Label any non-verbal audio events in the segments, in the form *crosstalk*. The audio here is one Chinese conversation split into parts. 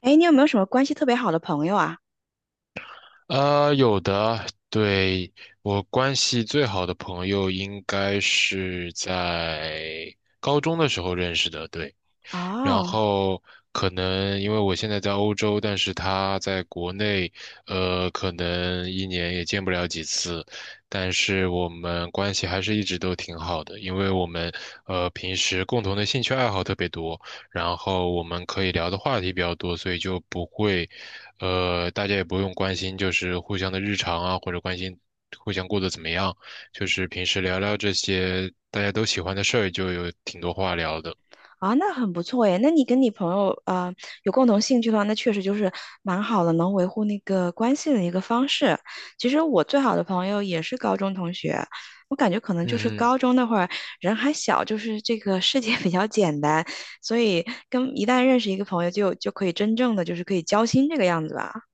哎，你有没有什么关系特别好的朋友啊？有的，对，我关系最好的朋友应该是在高中的时候认识的，对。然哦，后可能因为我现在在欧洲，但是他在国内，可能一年也见不了几次，但是我们关系还是一直都挺好的，因为我们平时共同的兴趣爱好特别多，然后我们可以聊的话题比较多，所以就不会，大家也不用关心就是互相的日常啊，或者关心互相过得怎么样，就是平时聊聊这些大家都喜欢的事儿，就有挺多话聊的。啊，那很不错耶。那你跟你朋友有共同兴趣的话，那确实就是蛮好的，能维护那个关系的一个方式。其实我最好的朋友也是高中同学，我感觉可能就是嗯嗯高中那会儿人还小，就是这个世界 *laughs* 比较简单，所以跟一旦认识一个朋友就可以真正的就是可以交心这个样子吧。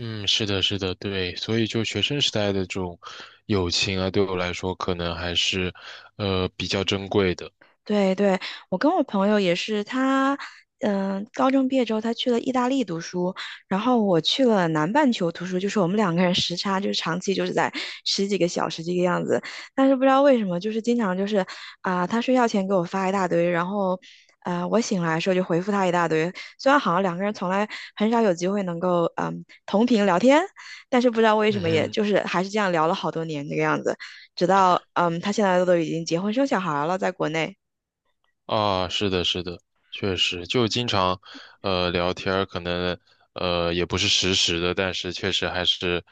嗯，是的，是的，对，所以就学生时代的这种友情啊，对我来说可能还是，比较珍贵的。对对，我跟我朋友也是，他高中毕业之后他去了意大利读书，然后我去了南半球读书，就是我们两个人时差就是长期就是在十几个小时这个样子，但是不知道为什么，就是经常就是他睡觉前给我发一大堆，然后我醒来的时候就回复他一大堆，虽然好像两个人从来很少有机会能够同频聊天，但是不知道为什嗯么，也哼。就是还是这样聊了好多年这个样子，直到他现在都已经结婚生小孩了，在国内。啊，是的，是的，确实，就经常，聊天儿，可能，也不是实时的，但是确实还是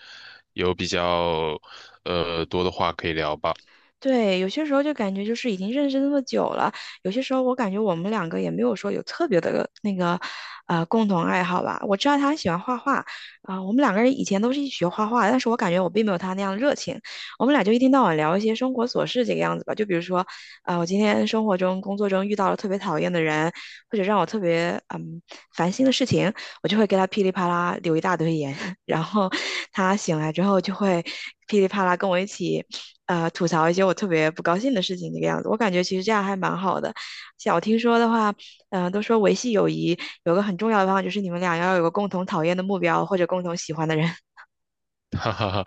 有比较，多的话可以聊吧。对，有些时候就感觉就是已经认识那么久了，有些时候我感觉我们两个也没有说有特别的那个，共同爱好吧。我知道他喜欢画画，我们两个人以前都是一起学画画，但是我感觉我并没有他那样热情。我们俩就一天到晚聊一些生活琐事这个样子吧，就比如说，啊，我今天生活中、工作中遇到了特别讨厌的人，或者让我特别烦心的事情，我就会给他噼里啪啦留一大堆言，*laughs* 然后他醒来之后就会噼里啪啦跟我一起。吐槽一些我特别不高兴的事情这个样子。我感觉其实这样还蛮好的。像我听说的话，都说维系友谊有个很重要的方法，就是你们俩要有个共同讨厌的目标或者共同喜欢的人。*laughs* 哈哈哈，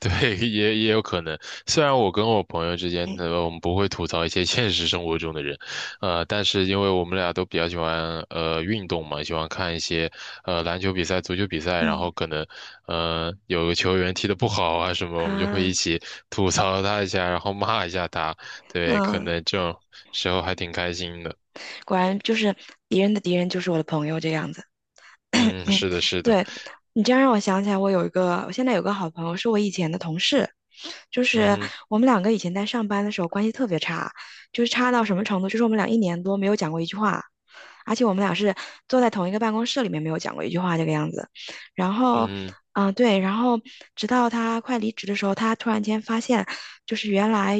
对，也有可能。虽然我跟我朋友之 *laughs* 间，嗯我们不会吐槽一些现实生活中的人，但是因为我们俩都比较喜欢运动嘛，喜欢看一些篮球比赛、足球比赛，然后嗯可能有个球员踢得不好啊什么，我们就会一啊起吐槽他一下，然后骂一下他。对，可嗯，能这种时候还挺开心的。果然就是敌人的敌人就是我的朋友这样子。*coughs* *clears throat* 嗯，嗯，嗯是的，是的，对，你这样让我想起来，我有一个，我现在有个好朋友，是我以前的同事，就嗯是哼，我们两个以前在上班的时候关系特别差，就是差到什么程度，就是我们俩一年多没有讲过一句话，而且我们俩是坐在同一个办公室里面，没有讲过一句话这个样子。然后，嗯哼，对，然后直到他快离职的时候，他突然间发现，就是原来，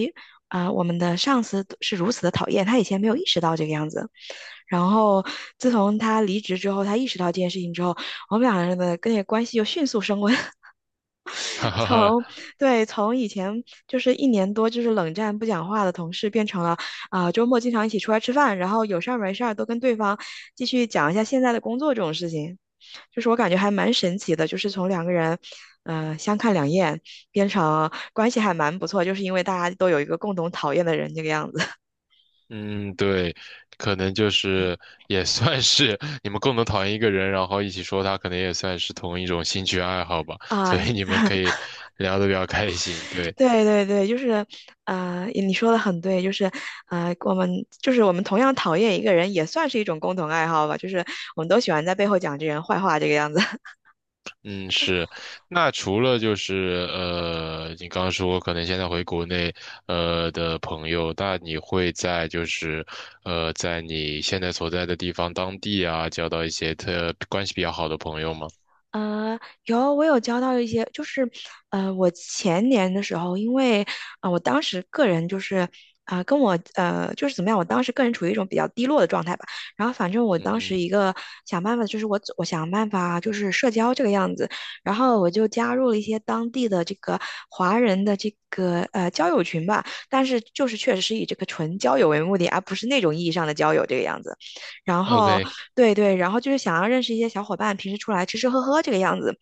我们的上司是如此的讨厌，他以前没有意识到这个样子。然后，自从他离职之后，他意识到这件事情之后，我们两个人的跟那个关系就迅速升温。*laughs* *laughs* 哈哈从哈。对，从以前就是一年多就是冷战不讲话的同事，变成了周末经常一起出来吃饭，然后有事儿没事儿都跟对方继续讲一下现在的工作这种事情，就是我感觉还蛮神奇的，就是从两个人相看两厌变成关系还蛮不错，就是因为大家都有一个共同讨厌的人这个样子。嗯，对，可能就是 *laughs* 也算是 *laughs* 你们共同讨厌一个人，然后一起说他，可能也算是同一种兴趣爱好吧，*laughs* 所啊，以你们可以聊得比较开心。*laughs* 对，对对对，就是，你说的很对，就是，我们就是我们同样讨厌一个人，也算是一种共同爱好吧，就是我们都喜欢在背后讲这人坏话这个样子。嗯，是。那除了就是你刚刚说可能现在回国内的朋友，那你会在就是在你现在所在的地方当地啊，交到一些特关系比较好的朋友吗？呃，有，我有交到一些，就是，我前年的时候，因为，我当时个人就是，跟我，就是怎么样，我当时个人处于一种比较低落的状态吧。然后反正我嗯当时哼。一个想办法，就是我想办法就是社交这个样子，然后我就加入了一些当地的这个华人的这个交友群吧，但是就是确实是以这个纯交友为目的，而不是那种意义上的交友这个样子。然后 OK,对对，然后就是想要认识一些小伙伴，平时出来吃吃喝喝这个样子。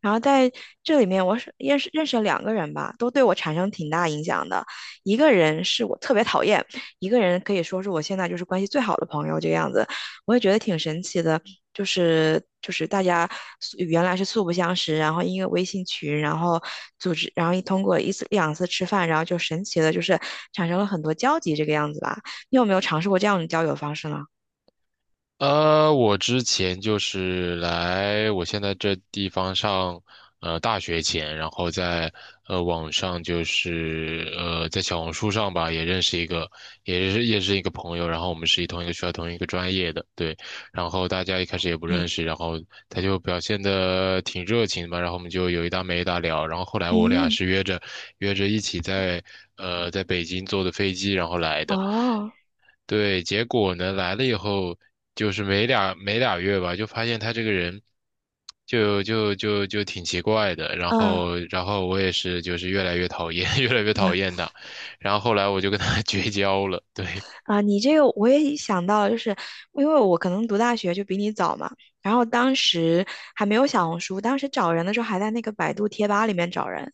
然后在这里面，我是认识了两个人吧，都对我产生挺大影响的。一个人是我特别讨厌，一个人可以说是我现在就是关系最好的朋友这个样子。我也觉得挺神奇的，就是大家原来是素不相识，然后因为微信群，然后组织，然后一通过一次两次吃饭，然后就神奇的就是产生了很多交集这个样子吧。你有没有尝试过这样的交友方式呢？我之前就是来我现在这地方上，大学前，然后在网上就是在小红书上吧，也认识一个，也是一个朋友，然后我们是一同一个学校同一个专业的，对，然后大家一开始也不认嗯识，然后他就表现的挺热情的吧，然后我们就有一搭没一搭聊，然后后来我俩嗯。是约着一起在在北京坐的飞机，然后来的。哦，对，结果呢，来了以后，就是没俩月吧，就发现他这个人就挺奇怪的。然嗯后，然后我也是，就是越来越讨厌，*laughs* 越来越嗯讨厌他。然后后来我就跟他 *laughs* 绝交了。对，啊，你这个我也想到，就是因为我可能读大学就比你早嘛，然后当时还没有小红书，当时找人的时候还在那个百度贴吧里面找人，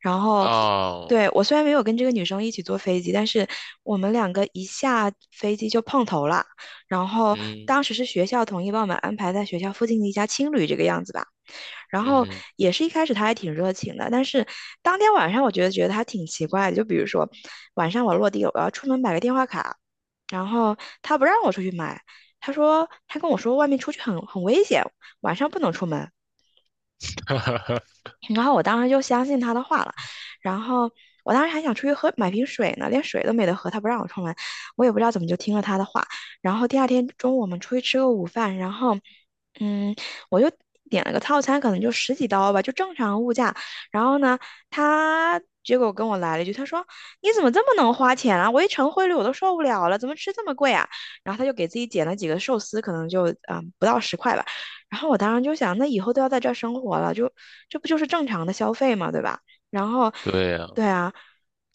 然后哦，对我虽然没有跟这个女生一起坐飞机，但是我们两个一下飞机就碰头了，然后嗯当时是学校统一帮我们安排在学校附近的一家青旅这个样子吧，然后嗯，也是一开始他还挺热情的，但是当天晚上我觉得他挺奇怪的，就比如说晚上我落地了我要出门买个电话卡，然后他不让我出去买，他说他跟我说外面出去很危险，晚上不能出门。*laughs* 哈哈，然后我当时就相信他的话了，然后我当时还想出去买瓶水呢，连水都没得喝，他不让我出门，我也不知道怎么就听了他的话。然后第二天中午我们出去吃个午饭，然后嗯，我就点了个套餐，可能就十几刀吧，就正常物价。然后呢，他结果跟我来了一句，他说：“你怎么这么能花钱啊？我一乘汇率我都受不了了，怎么吃这么贵啊？”然后他就给自己点了几个寿司，可能就不到十块吧。然后我当时就想，那以后都要在这儿生活了，就这不就是正常的消费嘛，对吧？然后，*laughs* 对呀、对啊，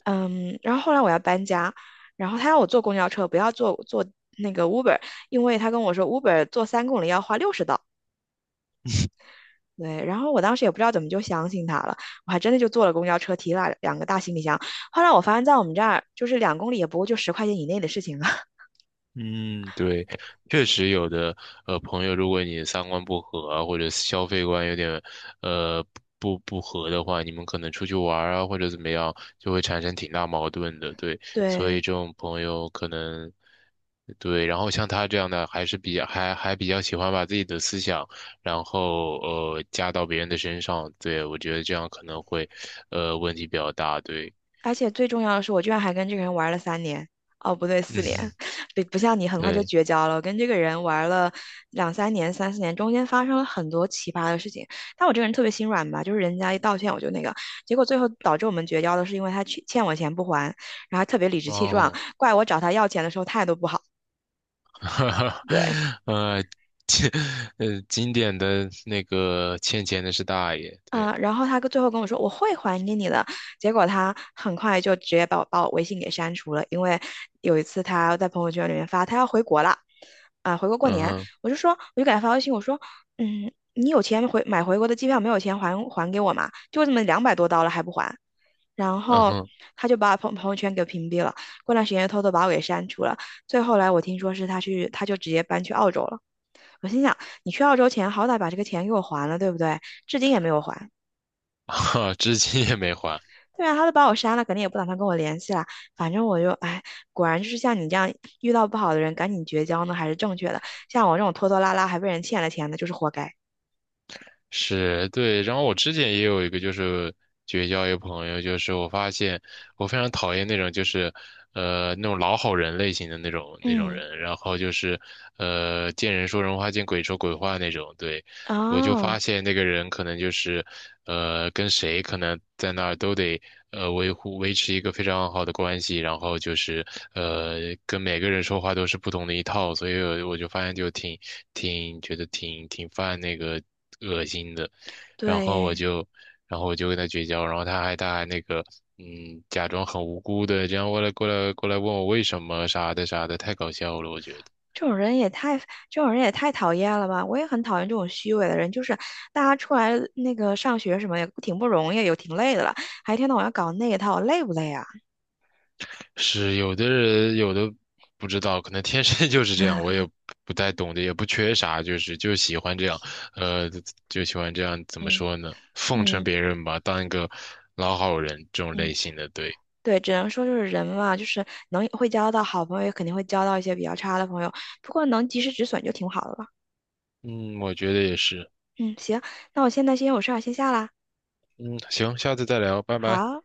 嗯，然后后来我要搬家，然后他要我坐公交车，不要坐那个 Uber，因为他跟我说 Uber 坐3公里要花60刀。对，然后我当时也不知道怎么就相信他了，我还真的就坐了公交车，提了两个大行李箱。后来我发现，在我们这儿就是2公里也不过就10块钱以内的事情了，*laughs* 嗯，对，确实有的，朋友，如果你三观不合啊或者消费观有点，呃，不合的话，你们可能出去玩儿啊，或者怎么样，就会产生挺大矛盾的，对，所对，以这种朋友可能，对，然后像他这样的，还是比较还比较喜欢把自己的思想，然后加到别人的身上，对，我觉得这样可能会，问题比较大，对，而且最重要的是，我居然还跟这个人玩了三年，哦，不对，*laughs* 四年，嗯，*laughs* 不像你很快就对，绝交了。我跟这个人玩了两三年、三四年，中间发生了很多奇葩的事情。但我这个人特别心软吧，就是人家一道歉我就那个，结果最后导致我们绝交的是因为他欠我钱不还，然后还特别理直气壮，哦。怪我找他要钱的时候态度不好。*laughs* 哈哈，对，呃，经经典的那个欠钱的是大爷，对，然后他最后跟我说我会还给你的，结果他很快就直接把我微信给删除了，因为有一次他在朋友圈里面发他要回国了，回国过嗯年，哼，我就说我就给他发微信，我说你有钱买回国的机票，没有钱还给我嘛？就这么200多刀了还不还，然嗯后哼，他就把我朋友圈给屏蔽了，过段时间又偷偷把我给删除了，最后来我听说是他就直接搬去澳洲了，我心想你去澳洲前好歹把这个钱给我还了，对不对？至今也没有还。*laughs* 哈，至今也没还，对啊，他都把我删了，肯定也不打算跟我联系了。反正我就，哎，果然就是像你这样遇到不好的人，赶紧绝交呢，还是正确的。像我这种拖拖拉拉还被人欠了钱的，就是活该。是对。然后我之前也有一个就是绝交一个朋友，就是我发现我非常讨厌那种就是那种老好人类型的那种嗯，人，然后就是见人说人话，见鬼说鬼话那种，对。我就啊，发现那个人可能就是，跟谁可能在那儿都得维持一个非常好的关系，然后就是跟每个人说话都是不同的一套，所以我就发现就挺觉得挺犯那个恶心的，然后我对就然后我就跟他绝交，然后他还他还那个。嗯，假装很无辜的，这样过来问我为什么啥的啥的，太搞笑了，我觉得。这种人也太，这种人也太讨厌了吧！我也很讨厌这种虚伪的人，就是大家出来那个上学什么也挺不容易，也挺累的了，还一天到晚要搞那一套，累不累啊？是有的人有的不知道，可能天生 *laughs* 就是这样，我 *laughs* 也不太懂的，也不缺啥，就是就喜欢这样，呃，就喜欢这样，怎么嗯说呢？奉承嗯别人吧，当一个老好人这种类嗯。型的，对，对，只能说就是人嘛，就是能会交到好朋友，也肯定会交到一些比较差的朋友。不过能及时止损就挺好的了。嗯，我觉得也是，嗯，行，那我现在先有事儿先下啦。嗯，行，下次再聊，拜拜。好。